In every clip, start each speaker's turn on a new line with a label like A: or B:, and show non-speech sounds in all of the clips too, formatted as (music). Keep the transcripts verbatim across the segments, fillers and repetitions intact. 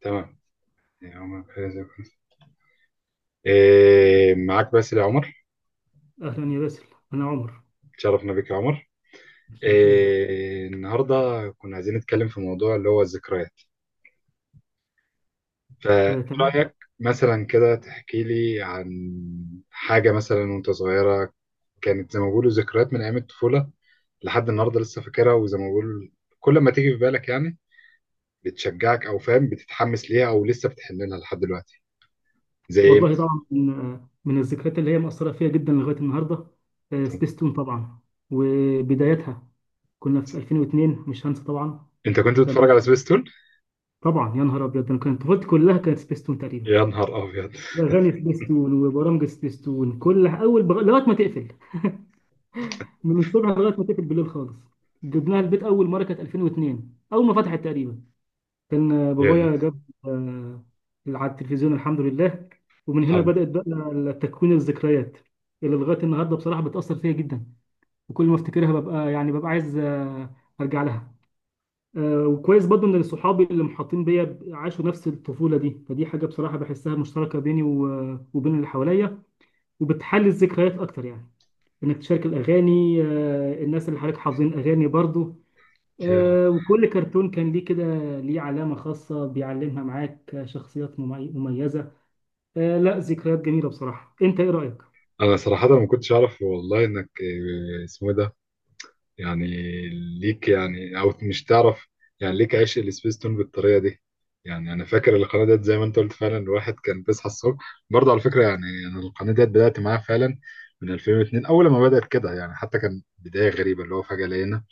A: تمام. يا عمر فايز يا فايز. إيه، معاك باسل يا عمر.
B: أهلا يا باسل. أنا عمر.
A: تشرفنا بك يا عمر.
B: الشرف ليا.
A: إيه النهارده، كنا عايزين نتكلم في موضوع اللي هو الذكريات،
B: آه تمام.
A: فرأيك مثلا كده تحكي لي عن حاجة مثلا وانت صغيرة كانت زي ما بيقولوا ذكريات من أيام الطفولة لحد النهارده لسه فاكرها، وزي ما بقول كل ما تيجي في بالك يعني بتشجعك أو فاهم بتتحمس ليها أو لسه بتحن لها لحد دلوقتي. زي إيه
B: والله طبعا من, آه من الذكريات اللي هي مأثرة فيها جدا لغاية النهاردة. آه
A: مثلا؟
B: سبيستون طبعا وبدايتها، كنا في ألفين واتنين، مش هنسى طبعا.
A: انت كنت
B: تمام.
A: بتتفرج على سبيستون؟
B: طبعا يا نهار أبيض، أنا كانت طفولتي كلها كانت سبيستون تقريبا.
A: يا نهار أبيض.
B: أغاني سبيستون وبرامج سبيستون، كل أول بغ... لغاية ما تقفل، من الصبح لغاية ما تقفل بالليل خالص. جبناها البيت أول مرة كانت ألفين واتنين، أول ما فتحت تقريبا. كان
A: يا
B: بابايا جاب، آه، على التلفزيون، الحمد لله. ومن هنا
A: الحمد.
B: بدأت بقى تكوين الذكريات اللي لغاية النهاردة بصراحة بتأثر فيا جدا. وكل ما افتكرها ببقى يعني ببقى عايز، آه، أرجع لها. آه، وكويس برضو إن صحابي اللي محاطين بيا عاشوا نفس الطفولة دي، فدي حاجة بصراحة بحسها مشتركة بيني و- وبين اللي حواليا. وبتحلي الذكريات أكتر يعني، إنك تشارك الأغاني، آه، الناس اللي حواليك حافظين أغاني برضو. آه، وكل كرتون كان ليه كده، ليه علامة خاصة بيعلمها معاك. آه، شخصيات ممي- مميزة. آه، لا، ذكريات جميلة بصراحة. انت ايه رأيك؟
A: انا صراحة ما كنتش اعرف والله انك آه، اسمه إيه ده، يعني ليك يعني او مش تعرف، يعني ليك عشق السبيس تون بالطريقة دي. يعني انا فاكر القناة ديت زي ما انت قلت فعلا، الواحد كان بيصحى الصبح برضه على فكرة يعني. انا القناة ديت بدأت معاها فعلا من ألفين اثنين، اول ما بدأت كده يعني. حتى كان بداية غريبة اللي هو فجأة لقينا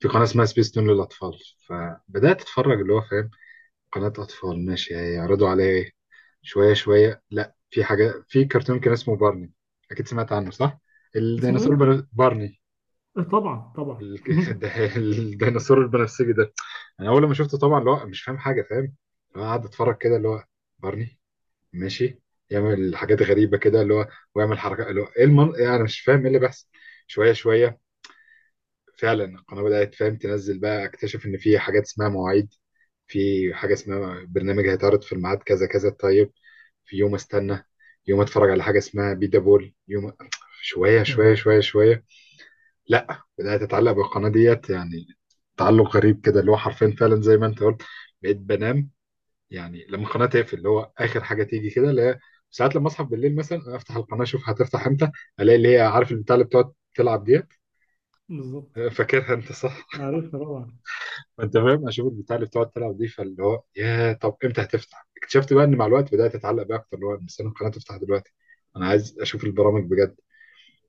A: في قناة اسمها سبيس تون للاطفال، فبدأت اتفرج اللي هو فاهم قناة اطفال ماشي هيعرضوا عليا ايه. شوية شوية، لا في حاجة، في كرتون كان اسمه بارني. أكيد سمعت عنه صح؟
B: اسمه
A: الديناصور
B: ايه؟
A: البن- بارني.
B: آه، طبعا طبعا.
A: ال- (laughs)
B: (laughs)
A: ده- الديناصور البنفسجي ده، أنا أول ما شفته طبعا اللي هو مش فاهم حاجة، فاهم اللي هو قاعد أتفرج كده اللي هو بارني ماشي، يعمل حاجات غريبة كده اللي هو ويعمل حركات اللي هو إيه المن... يعني أنا مش فاهم إيه اللي بيحصل. شوية شوية فعلا القناة بدأت فاهم تنزل، بقى أكتشف إن في حاجات اسمها مواعيد، في حاجة اسمها برنامج هيتعرض في الميعاد كذا كذا. طيب، في يوم استنى يوم، اتفرج على حاجه اسمها بيدا بول يوم. شويه
B: آه،
A: شويه شويه شويه لا، بدات اتعلق بالقناه ديت يعني، تعلق غريب كده اللي هو حرفيا فعلا زي ما انت قلت. بقيت بنام يعني لما القناه تقفل اللي هو اخر حاجه تيجي كده اللي هي، ساعات لما اصحى بالليل مثلا افتح القناه اشوف هتفتح امتى، الاقي اللي هي عارف البتاع اللي بتقعد تلعب ديت.
B: بالظبط.
A: (laughs) فاكرها انت صح.
B: عارفها طبعا.
A: (laughs) فانت فاهم اشوف البتاع اللي بتقعد تلعب دي، فاللي هو يا طب امتى هتفتح. اكتشفت بقى ان مع الوقت بدات اتعلق بقى اكتر اللي هو مستني القناه تفتح دلوقتي، انا عايز اشوف البرامج بجد.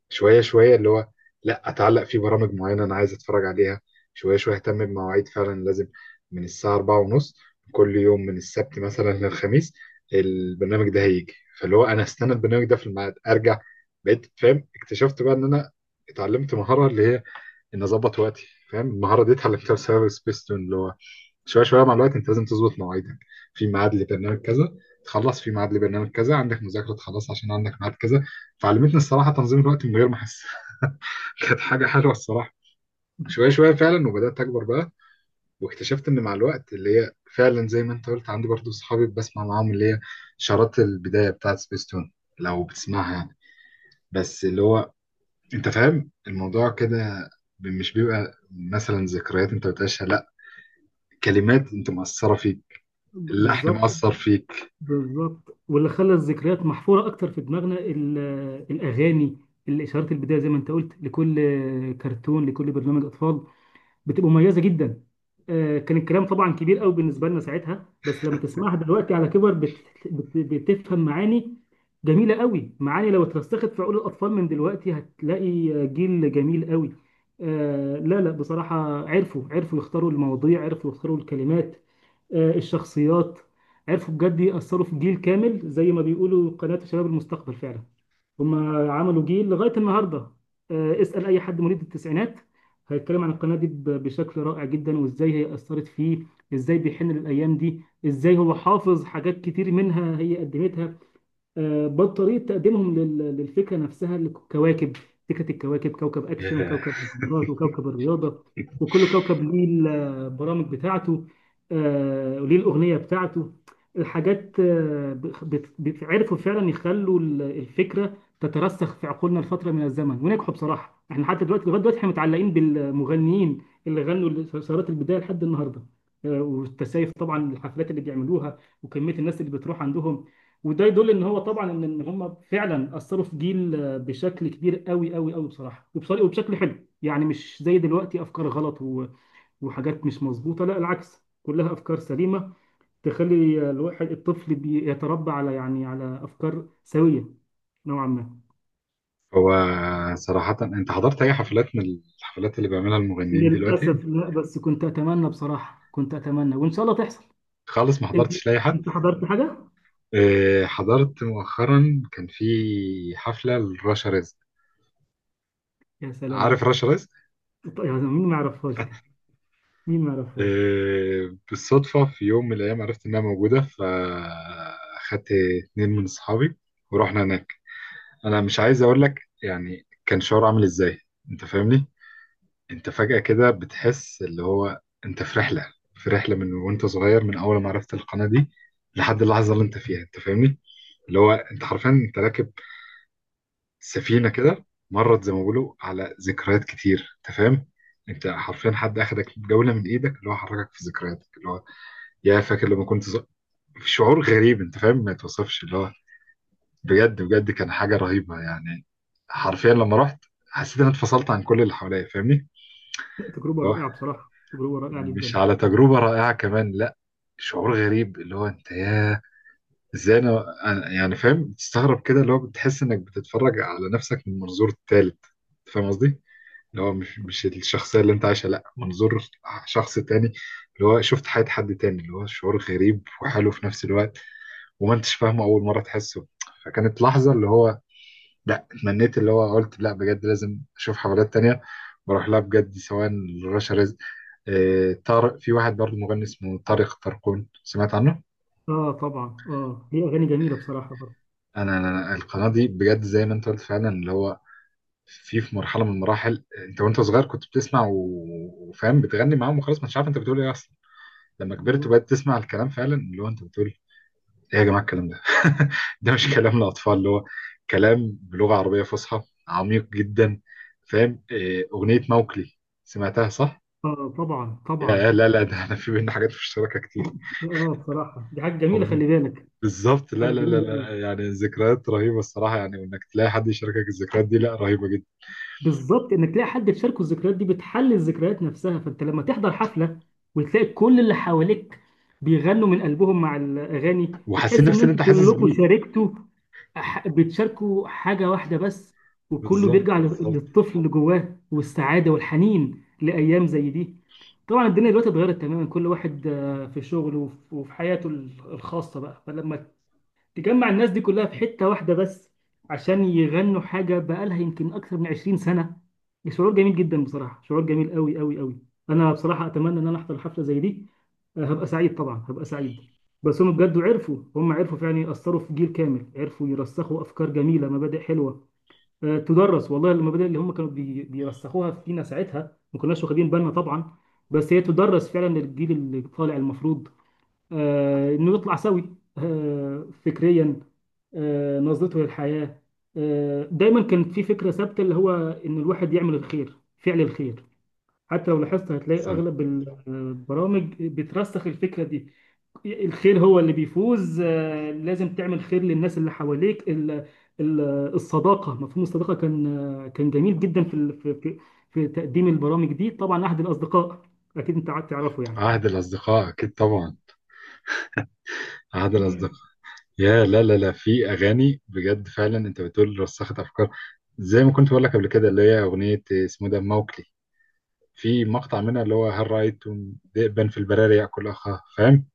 A: شويه شويه اللي هو لا، اتعلق في برامج معينه انا عايز اتفرج عليها. شويه شويه اهتم بمواعيد فعلا، لازم من الساعه أربعة ونص كل يوم من السبت مثلا للخميس البرنامج ده هيجي، فاللي هو انا استنى البرنامج ده في الميعاد ارجع. بقيت فاهم اكتشفت بقى ان انا اتعلمت مهاره اللي هي ان اظبط وقتي، فاهم المهاره دي اتعلمتها بسبب سبيستون. اللي هو شويه شويه مع الوقت انت لازم تظبط مواعيدك، في ميعاد لبرنامج كذا تخلص، في ميعاد لبرنامج كذا، عندك مذاكره تخلص عشان عندك ميعاد كذا. فعلمتني الصراحه تنظيم الوقت من غير ما احس. كانت حاجة حلوة الصراحة. شوية شوية فعلا، وبدأت أكبر بقى، واكتشفت إن مع الوقت اللي هي فعلا زي ما أنت قلت عندي برضو صحابي بسمع معاهم اللي هي شارات البداية بتاعت سبيستون لو بتسمعها يعني. بس اللي هو أنت فاهم الموضوع كده، ب- مش بيبقى مثلا ذكريات أنت بتعيشها، لا، كلمات أنت مأثرة فيك،
B: ب-
A: اللحن
B: بالظبط.
A: مأثر فيك.
B: بالظبط، واللي خلى الذكريات محفورة اكتر في دماغنا ال- آه، الاغاني، الاشارات البداية، زي ما انت قلت، لكل آه، كرتون، لكل برنامج اطفال، بتبقى مميزه جدا. آه، كان الكلام طبعا كبير قوي بالنسبه لنا ساعتها، بس لما تسمعها دلوقتي على كبر بت... بت... بتفهم معاني جميله قوي. معاني لو اترسخت في عقول الاطفال من دلوقتي، هتلاقي جيل جميل قوي. آه لا لا، بصراحه عرفوا، عرفوا يختاروا المواضيع، عرفوا يختاروا الكلمات. آه الشخصيات، عرفوا بجد يأثروا في جيل كامل. زي ما بيقولوا قناة شباب المستقبل، فعلا هم عملوا جيل لغايه النهارده. آه، اسال اي حد مواليد التسعينات، هيتكلم عن القناه دي ب- بشكل رائع جدا، وازاي هي اثرت فيه، ازاي بيحن للايام دي، ازاي هو حافظ حاجات كتير منها هي قدمتها. آه، بطريقة تقديمهم لل- للفكرة نفسها، الكواكب، فكرة الكواكب، كوكب أكشن،
A: إيه.
B: كوكب مغامرات، وكوكب الرياضة، وكل كوكب ليه البرامج بتاعته. آه، وليه الأغنية بتاعته. الحاجات، آه، بت- بت- عرفوا فعلا يخلوا ال- الفكرة تترسخ في عقولنا لفترة من الزمن، ونجحوا بصراحة. احنا حتى دلوقتي لغاية دلوقتي احنا متعلقين بالمغنيين اللي غنوا ثورات البداية لحد النهاردة. آه، والتسايف طبعا، الحفلات اللي بيعملوها وكمية الناس اللي بتروح عندهم، وده يدل ان هو طبعا ان إن هم فعلا اثروا في جيل، آه، بشكل كبير قوي قوي قوي بصراحه. وبصراحه وبشكل حلو يعني، مش زي دلوقتي افكار غلط و- وحاجات مش مظبوطه. لا العكس، كلها افكار سليمه تخلي الواحد الطفل بيتربى على يعني على افكار سويه نوعا ما.
A: هو صراحة أنت حضرت أي حفلات من الحفلات اللي بيعملها المغنيين دلوقتي؟
B: للاسف لا، بس كنت اتمنى بصراحه، كنت اتمنى وان شاء الله تحصل.
A: خالص ما
B: انت
A: حضرتش لأي حد؟
B: انت حضرت حاجه؟
A: آه، حضرت مؤخرا، كان في حفلة لرشا رزق.
B: يا
A: عارف
B: سلام،
A: رشا رزق.
B: طيب يعني مين ما يعرفهاش دي، مين ما يعرفهاش.
A: آه، بالصدفة في يوم من الأيام عرفت إنها موجودة، فأخدت اتنين من أصحابي ورحنا هناك. أنا مش عايز أقول لك يعني كان شعور عامل إزاي، أنت فاهمني. أنت فجأة كده بتحس اللي هو أنت في رحلة، في رحلة من وأنت صغير، من أول ما عرفت القناة دي لحد اللحظة اللي أنت فيها، أنت فاهمني. اللي هو أنت حرفيا أنت راكب سفينة كده، مرت زي ما بيقولوا على ذكريات كتير، انت فاهم انت حرفيا حد اخدك جولة من ايدك اللي هو حركك في ذكرياتك، اللي هو يا فاكر لما كنت صغ- في شعور غريب انت فاهم ما يتوصفش اللي هو، بجد بجد كان حاجة رهيبة يعني. حرفيا لما رحت حسيت ان انا اتفصلت عن كل اللي حواليا فاهمني.
B: تجربه
A: اللي هو
B: رائعه بصراحه، تجربه رائعه
A: مش
B: جدا.
A: على تجربة رائعة كمان لا، شعور غريب اللي هو انت يا ازاي انا انا- يعني فاهم تستغرب كده اللي هو بتحس انك بتتفرج على نفسك من منظور تالت، أنت فاهم قصدي. اللي هو مش مش الشخصية اللي انت عايشها، لا منظور شخص تاني، اللي هو شفت حياة حد تاني اللي هو شعور غريب وحلو في نفس الوقت، وما انتش فاهمه أول مرة تحسه. فكانت لحظة اللي هو لا، اتمنيت اللي هو قلت لا بجد لازم أشوف حفلات تانية، بروح لها بجد، سواء رشا رزق آه، طارق، في واحد برضه مغني اسمه طارق طرقون، سمعت عنه؟
B: اه طبعا، اه هي اغاني جميله بصراحه برضه.
A: أنا أنا- القناة دي بجد زي ما انت قلت فعلا اللي هو في في مرحلة من المراحل انت وانت صغير كنت بتسمع و- وفاهم بتغني معاهم وخلاص مش عارف انت بتقول ايه اصلا. لما كبرت
B: بالظبط.
A: وبقيت تسمع الكلام فعلا اللي هو انت بتقول ايه، يا جماعه الكلام ده! (laughs) ده مش كلام لاطفال، اللي هو كلام بلغه عربيه فصحى عميق جدا، فاهم إيه، اغنيه موكلي، سمعتها صح؟
B: اه طبعا
A: يا
B: طبعا.
A: لا لا ده احنا في بينا حاجات مشتركه كتير.
B: اه بصراحه دي حاجه جميله،
A: أغنية-
B: خلي بالك.
A: بالظبط،
B: حاجه
A: لا لا لا
B: جميله قوي.
A: لا يعني ذكريات رهيبه الصراحه يعني، وانك تلاقي حد يشاركك الذكريات دي لا رهيبه جدا.
B: بالظبط، انك تلاقي حد تشاركه الذكريات دي بتحلي الذكريات نفسها. فانت لما تحضر حفله وتلاقي كل اللي حواليك بيغنوا من قلبهم مع الاغاني،
A: وحاسين
B: بتحس ان
A: نفس اللي
B: انتوا
A: انت حاسس
B: كلكم
A: بيه.
B: شاركتوا، ح- بتشاركوا حاجة واحدة بس. وكله
A: بالظبط
B: بيرجع لل-
A: بالظبط.
B: للطفل اللي جواه، والسعادة والحنين لأيام زي دي. طبعا الدنيا دلوقتي اتغيرت تماما، كل واحد آه، في شغله وف- وفي حياته ال- الخاصة بقى، فلما تجمع الناس دي كلها في حتة واحدة بس عشان يغنوا حاجة بقالها يمكن أكثر من عشرين سنة، شعور جميل جدا بصراحة، شعور جميل قوي قوي قوي. أنا بصراحة أتمنى إن أنا أحضر حفلة زي دي. آه، هبقى سعيد طبعا، هبقى سعيد. بس هم بجد عرفوا، هم عرفوا فعلا يأثروا في جيل كامل، عرفوا يرسخوا أفكار جميلة، مبادئ حلوة. آه، تدرس والله، المبادئ اللي هم كانوا بي- بيرسخوها فينا ساعتها ما كناش واخدين بالنا طبعا، بس هي تدرس فعلا للجيل اللي طالع. المفروض، آه، انه يطلع سوي، آه، فكريا، آه، نظرته للحياة. آه، دايما كان في فكرة ثابتة اللي هو ان الواحد يعمل الخير، فعل الخير. حتى لو لاحظت هتلاقي
A: سم.
B: اغلب ال- البرامج بترسخ الفكرة دي، الخير هو اللي بيفوز. آه، لازم تعمل خير للناس اللي حواليك. ال- ال- الصداقة، مفهوم الصداقة كان، آه، كان جميل جدا في ال- في في في تقديم البرامج دي طبعا، احد الاصدقاء، اكيد انت قعدت تعرفه يعني.
A: عهد الاصدقاء اكيد طبعا. عهد الاصدقاء. يا لا لا لا في اغاني بجد فعلا انت بتقول رسخت افكار، زي ما كنت بقول لك قبل كده اللي هي اغنيه اسمه ده موكلي، في مقطع منها اللي هو هل رايتم ذئبا في البراري ياكل اخاه، فاهم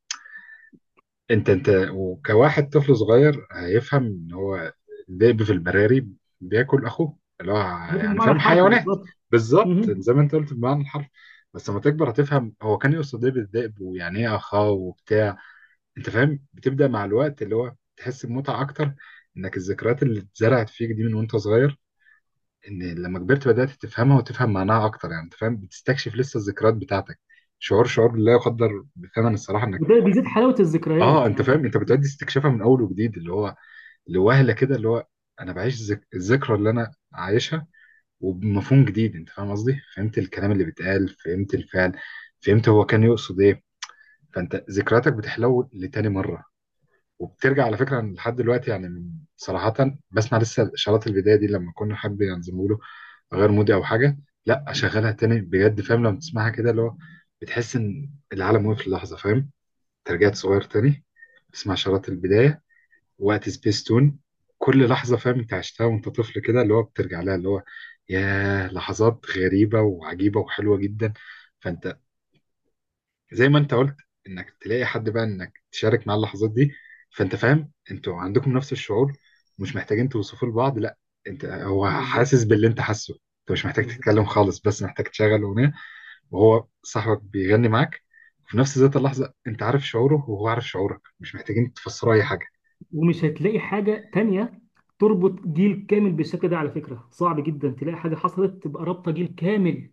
A: انت انت وكواحد طفل صغير هيفهم ان هو الذئب في البراري بياكل اخوه اللي هو
B: هو ده
A: يعني
B: المعنى
A: فاهم
B: الحرفي
A: حيوانات.
B: بالظبط.
A: بالظبط
B: مهم.
A: زي ما انت قلت بمعنى الحرف. بس لما تكبر هتفهم هو كان يقصد ايه بالذئب ويعني ايه اخاه وبتاع، انت فاهم بتبدا مع الوقت اللي هو تحس بمتعه اكتر، انك الذكريات اللي اتزرعت فيك دي من وانت صغير ان لما كبرت بدات تفهمها وتفهم معناها اكتر يعني، انت فاهم بتستكشف لسه الذكريات بتاعتك، شعور شعور لا يقدر بثمن الصراحه انك
B: وده بيزيد حلاوة
A: اه.
B: الذكريات
A: انت
B: يعني.
A: فاهم انت بتعدي استكشافها من اول وجديد اللي هو لوهله كده اللي هو انا بعيش ذك... الذكرى اللي انا عايشها وبمفهوم جديد، انت فاهم قصدي، فهمت الكلام اللي بيتقال، فهمت الفعل، فهمت هو كان يقصد ايه. فانت ذكرياتك بتحلو لتاني مره، وبترجع على فكره لحد دلوقتي يعني صراحه. بسمع لسه شراط البدايه دي لما كنا حد ينظموا له غير مودي او حاجه، لا اشغلها تاني بجد، فاهم لما تسمعها كده اللي هو بتحس ان العالم وقف للحظه، فاهم انت رجعت صغير تاني، بتسمع شراط البدايه وقت سبيس تون كل لحظه، فاهم انت عشتها وانت طفل كده اللي هو بترجع لها اللي هو يا لحظات غريبه وعجيبه وحلوه جدا. فانت زي ما انت قلت انك تلاقي حد بقى انك تشارك معاه اللحظات دي، فانت فاهم انتوا عندكم نفس الشعور، مش محتاجين توصفوا لبعض، لا، انت هو
B: بالظبط،
A: حاسس باللي انت حاسه، انت مش محتاج
B: بالظبط.
A: تتكلم خالص بس محتاج تشغل اغنيه وهو صاحبك بيغني معاك، وفي نفس ذات اللحظه انت عارف شعوره وهو عارف شعورك، مش محتاجين تفسروا اي حاجه.
B: ومش هتلاقي حاجة تانية تربط جيل كامل بالشكل ده، على فكرة صعب جدا تلاقي حاجة حصلت تبقى رابطة جيل كامل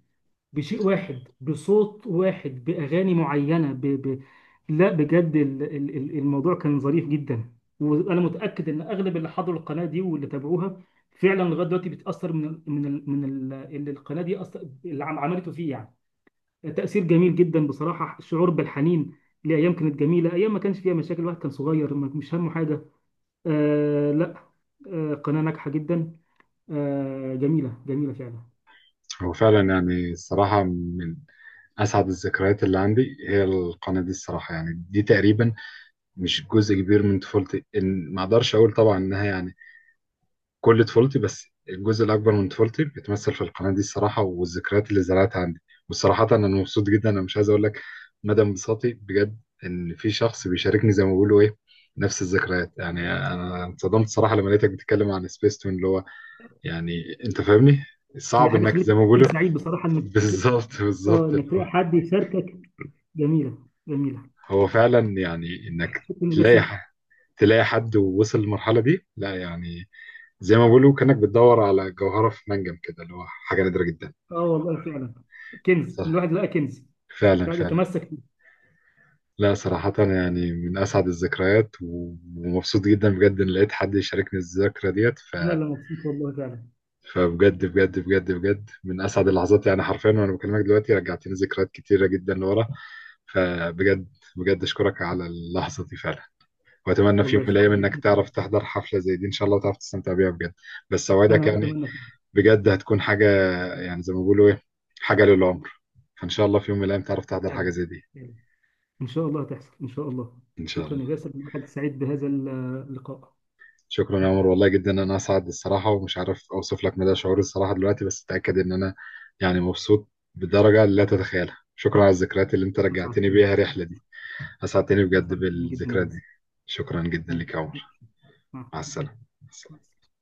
B: بشيء واحد، بصوت واحد، بأغاني معينة ب... ب... لا بجد، ال... ال... ال- الموضوع كان ظريف جدا. وأنا متأكد إن أغلب اللي حضروا القناة دي واللي تابعوها فعلا لغاية دلوقتي بيتأثر من ال... من ال... من ال... اللي القناة دي أص... اللي عم- عملته فيه يعني، تأثير جميل جدا بصراحة. الشعور بالحنين لأيام كانت جميلة، أيام ما كانش فيها مشاكل، الواحد كان صغير ما- مش همه حاجة. آه لا، آه قناة ناجحة جدا، آه جميلة جميلة فعلا.
A: هو فعلا يعني الصراحة من أسعد الذكريات اللي عندي هي القناة دي الصراحة يعني. دي تقريبا مش جزء كبير من طفولتي، إن ما أقدرش أقول طبعا إنها يعني كل طفولتي، بس الجزء الأكبر من طفولتي بيتمثل في القناة دي الصراحة، والذكريات اللي زرعتها عندي. والصراحة أنا مبسوط جدا، أنا مش عايز أقول لك مدى انبساطي بجد، إن في شخص بيشاركني زي ما بيقولوا إيه نفس الذكريات يعني. أنا انصدمت الصراحة لما لقيتك بتتكلم عن سبيس تون اللي هو يعني أنت فاهمني،
B: هي
A: صعب
B: حاجة
A: إنك
B: خلتني
A: زي ما بيقولوا.
B: سعيد بصراحة
A: (laughs)
B: إنك،
A: بالظبط
B: آه
A: بالظبط
B: إنك
A: اللي هو
B: تلاقي حد يشاركك. جميلة جميلة.
A: هو فعلا يعني إنك
B: شكرا، إن ده
A: تلاقي
B: سر.
A: ح- تلاقي حد ووصل للمرحلة دي لا يعني، زي ما بيقولوا كأنك بتدور على جوهرة في منجم كده اللي هو حاجة نادرة جدا.
B: آه والله فعلا، كنز،
A: صح.
B: الواحد لقى كنز
A: فعلا
B: يقعد
A: فعلا.
B: يتمسك فيه.
A: لا صراحة يعني من أسعد الذكريات و- ومبسوط جدا بجد إن لقيت حد يشاركني الذكرى ديت ف...
B: لا لا، مبسوط والله فعلا.
A: فبجد بجد بجد بجد من أسعد اللحظات يعني حرفيا، وأنا بكلمك دلوقتي رجعتني ذكريات كتيرة جدا لورا. فبجد بجد أشكرك على اللحظة دي فعلا، وأتمنى في يوم
B: والله
A: من الأيام
B: شكرا لك.
A: إنك تعرف تحضر حفلة زي دي إن شاء الله، وتعرف تستمتع بيها بجد. بس أوعدك
B: أنا
A: يعني
B: أتمنى.
A: بجد هتكون حاجة، يعني زي ما بيقولوا إيه، حاجة للعمر. فإن شاء الله في يوم من الأيام تعرف تحضر حاجة
B: فعلا،
A: زي دي
B: فعلا. إن شاء الله هتحصل إن شاء الله.
A: إن شاء
B: شكرا يا
A: الله.
B: باسل، الواحد سعيد بهذا اللقاء.
A: شكرا يا عمر والله جدا انا اسعد الصراحه، ومش عارف اوصف لك مدى شعوري الصراحه دلوقتي، بس اتاكد ان انا يعني مبسوط بدرجه لا تتخيلها. شكرا على الذكريات اللي انت رجعتني
B: أسعدتني.
A: بيها الرحله دي. اسعدتني بجد
B: أسعدتني جدا يا
A: بالذكريات دي.
B: باسل.
A: شكرا جدا
B: مع
A: لك يا عمر.
B: مع
A: مع السلامه.
B: السلامة.